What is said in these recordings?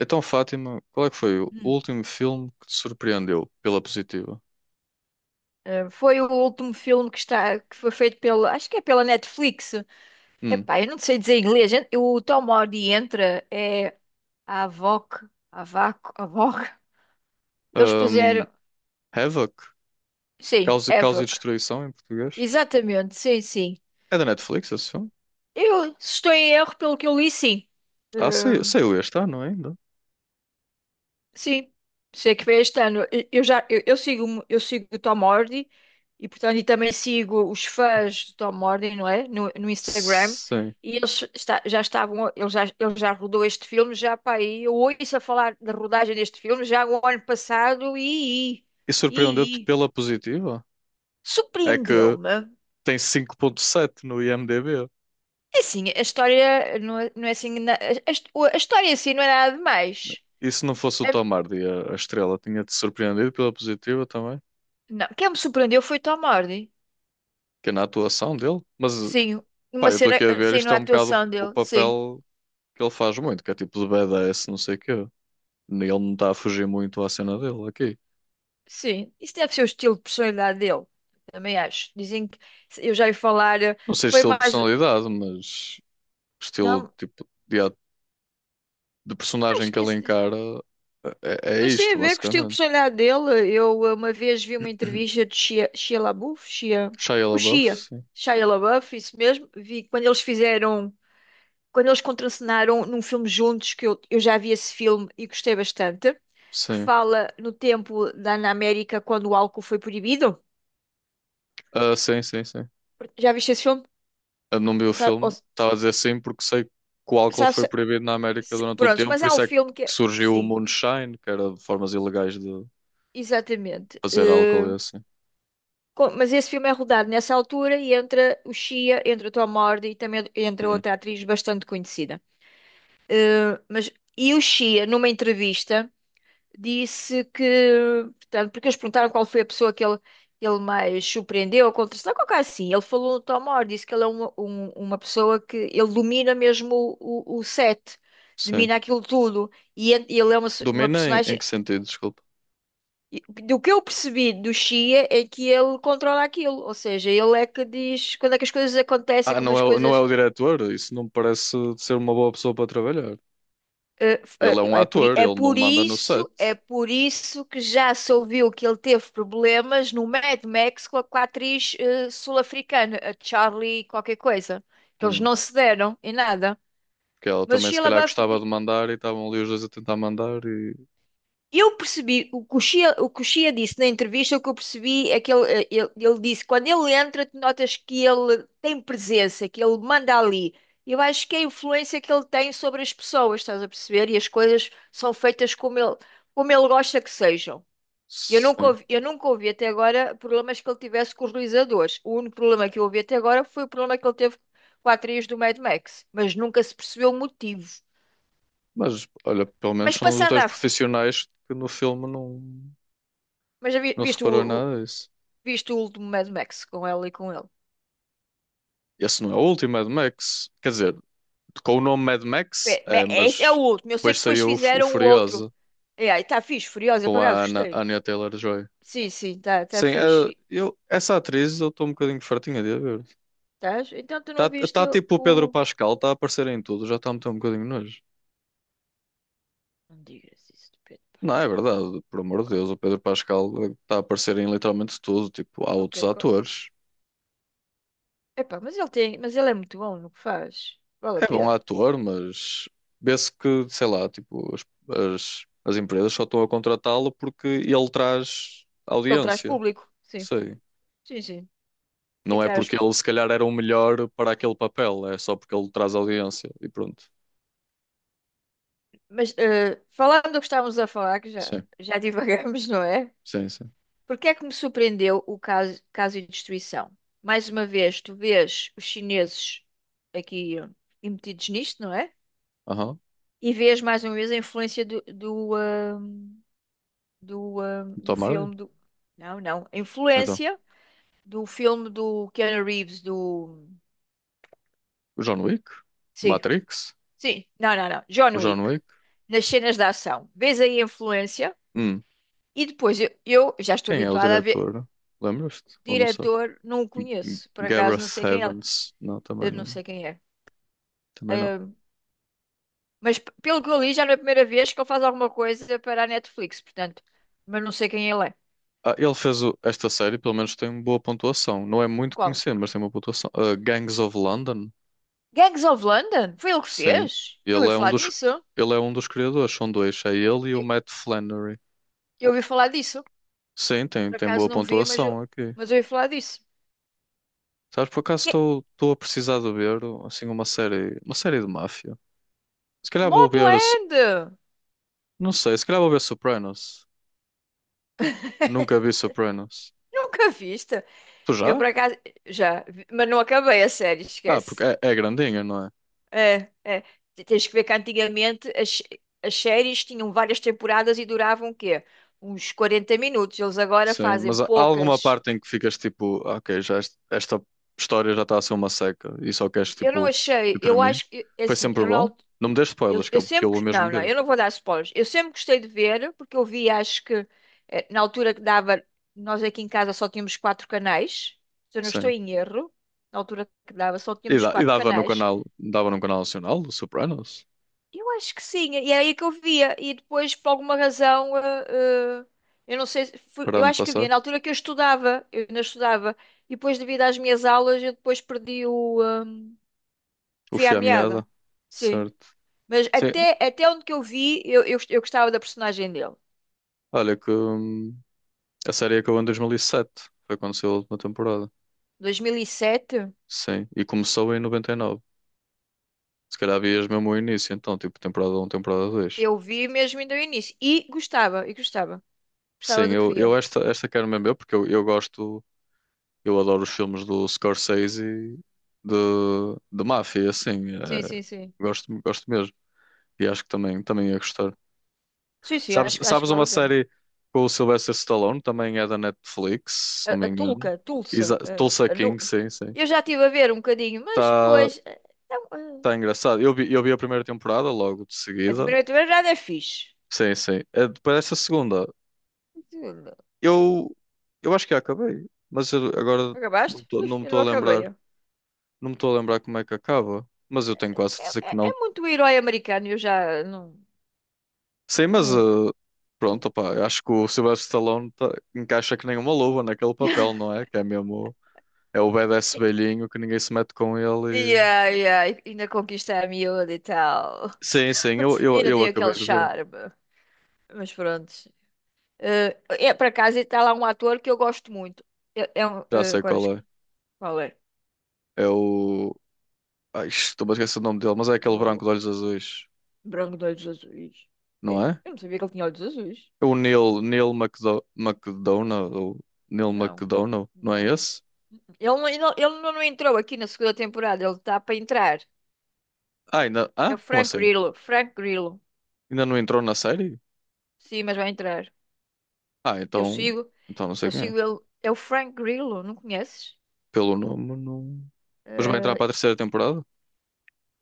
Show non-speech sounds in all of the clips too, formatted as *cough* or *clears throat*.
Então, Fátima, qual é que foi o Hum. último filme que te surpreendeu pela positiva? Foi o último filme que foi feito acho que é pela Netflix. Hum. Epá, eu não sei dizer em inglês, gente. O Tom Hardy entra, é a Avoc, Avaco, Avoc. Eles Hum. puseram, Havoc? sim, Causa, Causa e Avoc. Destruição em português? Exatamente, sim, sim. É da Netflix esse filme? Eu, se estou em erro, pelo que eu li, sim. Eh, Ah, saiu este ano ainda? Sim, sei que foi este ano. Eu já eu sigo o Tom Hardy e portanto e também sigo os fãs do Tom Hardy, não é? No Instagram Sim. e eles está- já estavam ele já rodou este filme já para aí. Eu ouço a falar da rodagem deste filme já o ano passado. e E surpreendeu-te e, e pela positiva? É que surpreendeu-me. tem 5.7 no IMDb. É assim, a história não é assim a história em si não é nada demais. E se não fosse o A- Tom Hardy, a estrela tinha-te surpreendido pela positiva também? Não, quem me surpreendeu foi o Tom Hardy. Que é na atuação dele? Mas, Sim, pá, uma eu estou cena, aqui a ver, sim, isto é na um bocado atuação o dele, sim, papel, que ele faz muito, que é tipo de badass, não sei o quê. Ele não está a fugir muito à cena dele aqui. sim. Isso deve ser o estilo de personalidade dele, também acho. Dizem que eu já ia falar, Não sei foi estilo de mais. personalidade, mas estilo Não, tipo de, de personagem acho que que ele isso. Encara é, é Mas tem a isto, ver com o estilo de basicamente. personalidade dele. Eu uma vez vi uma *clears throat* entrevista de Shia, Shia LaBeouf, Shia, Shia o LaBeouf, Shia, sim. Shia LaBeouf, isso mesmo. Vi quando quando eles contracenaram num filme juntos, que eu já vi esse filme e gostei bastante, que Sim. fala no tempo da, na América quando o álcool foi proibido. Ah, sim, sim, sim. Já viste esse filme? Eu não vi o Ou sa- ou- filme. Estava a dizer sim porque sei que o álcool foi Sabes, proibido na América durante um prontos, tempo, mas por há um isso é que filme que é. surgiu o Sim, moonshine, que era de formas ilegais de exatamente. fazer álcool e assim. Mas esse filme é rodado nessa altura e entra o Shia, entra a Tom Hardy e também entra Hum, outra atriz bastante conhecida. Mas, e o Shia, numa entrevista. Disse que, portanto, porque eles perguntaram qual foi a pessoa que ele mais surpreendeu ou contrariou, qualquer coisa assim. Ele falou do Tom Moore, disse que ele é uma pessoa que ele domina mesmo o set, Sim. domina aquilo tudo. Ele é uma Domina em, em personagem. que sentido? Desculpa. E do que eu percebi do Shia é que ele controla aquilo, ou seja, ele é que diz quando é que as coisas acontecem, Ah, como as não é coisas. o diretor? Isso não me parece ser uma boa pessoa para trabalhar. Eh, f- Ele eh, é um É por, i- ator, ele não manda no set. É por isso que já se ouviu que ele teve problemas no Mad Max com a atriz sul-africana, a Charlie qualquer coisa, que eles Hum, não se deram em nada. que ela Mas o também se Shia calhar LaBeouf gostava de mandar e estavam ali os dois a tentar mandar e... Eu percebi, o Coxia disse na entrevista, o que eu percebi é que ele disse, quando ele entra, tu notas que ele tem presença, que ele manda ali. Eu acho que é a influência que ele tem sobre as pessoas, estás a perceber? E as coisas são feitas como ele gosta que sejam. Sim. Eu nunca ouvi até agora problemas que ele tivesse com os realizadores. O único problema que eu ouvi até agora foi o problema que ele teve com a atriz do Mad Max, mas nunca se percebeu o motivo. Mas, olha, pelo menos Mas são os passando dois à, f- profissionais que no filme não, mas já não se viste reparou em o, nada disso. Viste o último Mad Max com ela e com ele. Esse não é o último Mad Max. Quer dizer, com o nome Mad Max, é, Esse é o mas último. Eu sei depois que depois saiu o, o fizeram o outro. Furiosa E aí, tá fixe, Furiosa, com por acaso a gostei. Anya Taylor-Joy. Sim, sim, tá, tá Sim, fixe. eu, essa atriz eu estou um bocadinho fartinha de a ver. Tás? Então tu Está não viste tá, tipo o Pedro o. Pascal, está a aparecer em tudo, já está a meter um bocadinho de nojo. Não digas isso de Pedro Não, é Pascal. verdade, por amor de Oh, Deus, o Pedro Pascal está a aparecer em literalmente tudo. Tipo, há ok. outros atores. Epá, mas ele tem. Mas ele é muito bom no que faz. Vale a É bom pena. ator, mas vê-se que, sei lá, tipo, as empresas só estão a contratá-lo porque ele traz Porque ele traz audiência. público. Sim, Sei. sim, sim. E Não é traz. porque ele se calhar era o melhor para aquele papel, é só porque ele traz audiência e pronto. Mas falando do que estávamos a falar, que já, Sim, já *laughs* divagamos, não é? sim, sim. Por que é que me surpreendeu o caso de destruição? Mais uma vez, tu vês os chineses aqui metidos nisto, não é? Aham. E vês mais uma vez a influência do Tom Hardy? filme do. Não, não. A Então, influência do filme do Keanu Reeves, do. o John Wick? O Sim, Matrix? sim. Não, não, não. John O John Wick. Wick? Nas cenas de ação. Vês aí a influência Hum, e depois eu já estou Quem é o habituada a ver. diretor? Lembras-te? Ou não sei. Diretor, não o conheço. Por acaso, não Gareth sei quem é. Evans. Não, também Eu não não. sei quem é. Também não. Hum, Mas pelo que eu li, já não é a primeira vez que ele faz alguma coisa para a Netflix, portanto. Mas não sei quem ele é. Ah, esta série, pelo menos tem boa pontuação. Não é muito Qual? conhecido, mas tem uma pontuação. Ah, Gangs of London. Gangs of London? Foi ele que Sim. fez? Eu Ele ouvi é um falar dos, disso. ele é um dos criadores. São dois. É ele e o Eu, Matt Flannery. eu ouvi falar disso. Sim, tem, Por tem acaso boa não vi, pontuação aqui. mas eu ouvi falar disso. Sabes, por acaso Que... estou a precisar de ver assim uma série de máfia. Se calhar vou ver, Mobland! não sei, se calhar vou ver Sopranos. Nunca vi Sopranos. Nunca viste? Tu Eu por já? acaso já, mas não acabei a série, Ah, porque esquece. é, é grandinha, não é? É, é. Tens que ver que antigamente as séries tinham várias temporadas e duravam o quê? Uns 40 minutos. Eles agora Sim, fazem mas há alguma poucas. parte em que ficas tipo, ok, esta história já está a ser uma seca e só queres Eu não tipo achei, que eu termine? acho que, é Foi assim, sempre eu bom? não, Não me dês eu, spoilers, eu que eu vou sempre, não, mesmo não, ver. eu não vou dar spoilers. Eu sempre gostei de ver, porque eu vi, acho que, na altura que dava, nós aqui em casa só tínhamos quatro canais, se eu não estou Sim. em erro, na altura que dava só E, tínhamos e quatro canais. Dava no canal nacional, do Sopranos, Eu acho que sim, e era aí que eu via, e depois, por alguma razão, eu não sei, se foi- para eu onde acho que havia passar. na altura que eu estudava, eu ainda estudava, e depois, devido às minhas aulas, eu depois perdi o, O fio à Fio à meada. Meada. Sim. Certo. Mas Sim, até onde que eu vi, eu gostava da personagem dele. olha que, a série acabou em 2007, foi quando saiu a última temporada. 2007, Sim, e começou em 99. Se calhar vias mesmo o início, então, tipo, temporada um, temporada 2. eu vi mesmo ainda o início. E gostava, e gostava. Sim, Gostava do que via. Esta quero mesmo eu, porque eu gosto, eu adoro os filmes do Scorsese e de, de máfia, assim, Sim, eh, sim, sim. gosto, gosto mesmo, e acho que também, também ia gostar. Sim, sim, Sabes, acho, acho que sabes vale uma a pena. série com o Sylvester Stallone, também é da Netflix, se A, não me a Tulca, engano, a Tulsa, Exa a, Tulsa a Nu- King, sim, sim, Eu já estive a ver um bocadinho, mas está depois, não, tá engraçado, eu vi a primeira temporada logo de a seguida, primeira temporada é fixe. sim, sim. Eh, depois dessa segunda, Aquilo- eu, eu acho que acabei, mas eu agora Acabaste? Ih, não me eu não estou a lembrar. acabei. Não me estou a lembrar como é que acaba, mas eu tenho quase É, certeza que é, não. é muito herói americano, eu já não. Sim, mas não- eh, pronto, opá, eu acho que o encaixa que nem uma luva naquele papel, *laughs* não é? Que é mesmo, é o badass velhinho que ninguém se mete com ele. E- Yeah, yeah, e ainda conquista a miúda e tal. Sim, sim, *laughs* E ainda eu tem acabei aquele de ver, charme. Mas pronto. Eh, É, por acaso está lá um ator que eu gosto muito. É, é um, já sei agora qual é. Qual é? É o. Ai, estou a esquecer o nome dele, mas é aquele O branco de olhos azuis, Branco de Olhos Azuis. não É, é? eu não sabia que ele tinha olhos azuis. É o Neil McDonough, ou Neil Não, McDonough, não é não. esse? Ele não entrou aqui na segunda temporada. Ele está para entrar. Ah, ainda... É ah, o como Frank assim? Grillo. Frank Grillo. Ainda não entrou na série? Sim, mas vai entrar. Ah, Eu então, sigo. então não sei Eu quem é. sigo ele. É o Frank Grillo, não conheces? Pelo nome, não. Mas vai entrar Eh, para a terceira temporada?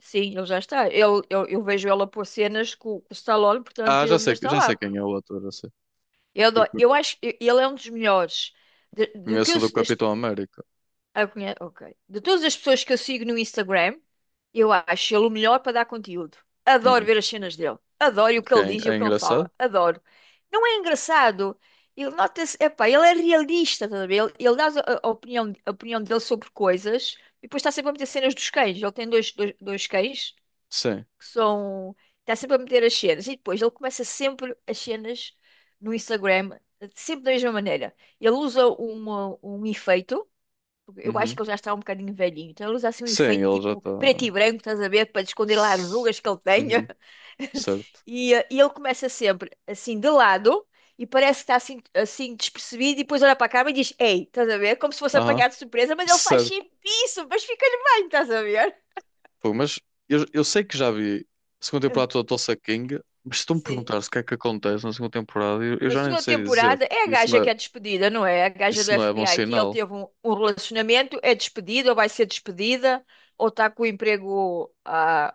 Sim, ele já está. Eu vejo ele a pôr cenas com o Stallone, portanto Ah, ele ainda está já sei lá. quem é o ator, já sei. Eu, Eu adoro- co- eu acho que ele é um dos melhores. De, do que Conheço o eu, do se- das, Capitão América. ah, ok. De todas as pessoas que eu sigo no Instagram, eu acho ele o melhor para dar conteúdo. Adoro Hum. ver as cenas dele. Adoro o que Que é, ele diz e o é que ele engraçado? fala. Adoro. Não é engraçado? Ele nota-se, epá, ele é realista, estás a ver? Ele dá a opinião dele sobre coisas e depois está sempre a meter cenas dos cães. Ele tem dois cães Sim. que são. Está sempre a meter as cenas. E depois ele começa sempre as cenas no Instagram, sempre da mesma maneira. Ele usa uma, um efeito, porque eu acho que Uhum. ele já está um bocadinho velhinho, então ele usa assim um Sim, efeito ele já tipo preto está. e branco, estás a ver, para esconder lá as S- rugas que ele tenha. Uhum. *laughs* Certo. E ele começa sempre assim de lado. E parece que está assim, assim despercebido, e depois olha para a câmera e diz: Ei, estás a ver? Como se fosse Aham. apanhado de surpresa, mas ele faz Certo. sempre isso, mas ficas bem, estás a ver? Pô, mas eu sei que já vi a segunda temporada *laughs* toda do Tulsa King, mas se tu me Sim. perguntares o que é que acontece na segunda temporada, eu Na já nem segunda sei dizer. temporada é a gaja que é despedida, não é? A gaja do Isso não é bom FBI que ele sinal. teve um relacionamento, é despedida ou vai ser despedida, ou está com o emprego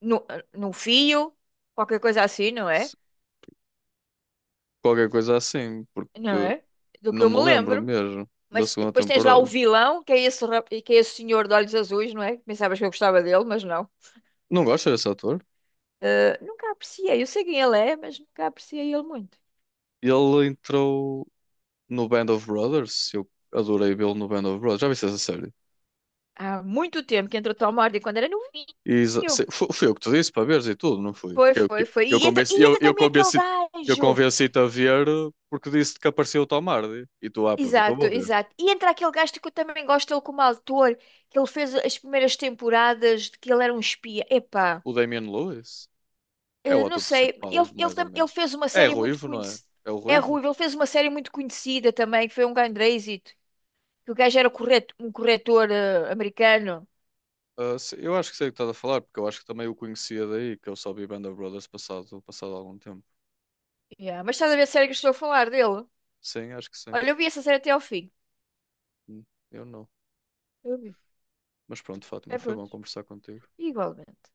no, no fio, qualquer coisa assim, não é? Se- Qualquer coisa é assim, Não porque. é? Do que Não eu me me lembro lembro. mesmo da Mas segunda depois tens lá o temporada. vilão, que é esse, que é esse senhor de olhos azuis, não é? Pensavas que eu gostava dele, mas não. Não gosto desse ator? Ah, nunca apreciei, eu sei quem ele é, mas nunca apreciei ele muito. Ele entrou no Band of Brothers. Eu adorei vê-lo no Band of Brothers. Já viste essa série? Há muito tempo que entrou Tom Hardy quando era novinho. E foi eu que te disse para veres e tudo, não foi? Foi, Eu, foi, que- foi. E entra eu também aquele convenci, eu gajo. convenci-te a ver porque disse que apareceu o Tom Hardy. E tu, ah, pronto, então Exato, vou ver. exato. E entra aquele gajo que eu também gosto dele como autor, que ele fez as primeiras temporadas, de que ele era um espia. Epá, O Damian Lewis é o não ator sei. principal, mais ou Ele menos. fez uma É série muito ruivo, não é? conhecida. É o É ruivo? ruivo, ele fez uma série muito conhecida também, que foi um grande êxito. Que o gajo era correto, um corretor americano. Ah, eu acho que sei o que estás a falar, porque eu acho que também o conhecia daí, que eu só vi Band of Brothers passado, passado algum tempo. Yeah, mas estás a ver a série que eu estou a falar dele? Sim, acho que sim. Olha, eu vi essa série até ao fim. Hum, Eu não. Eu vi. Mas pronto, Fátima, É foi bom pronto. conversar contigo. Igualmente.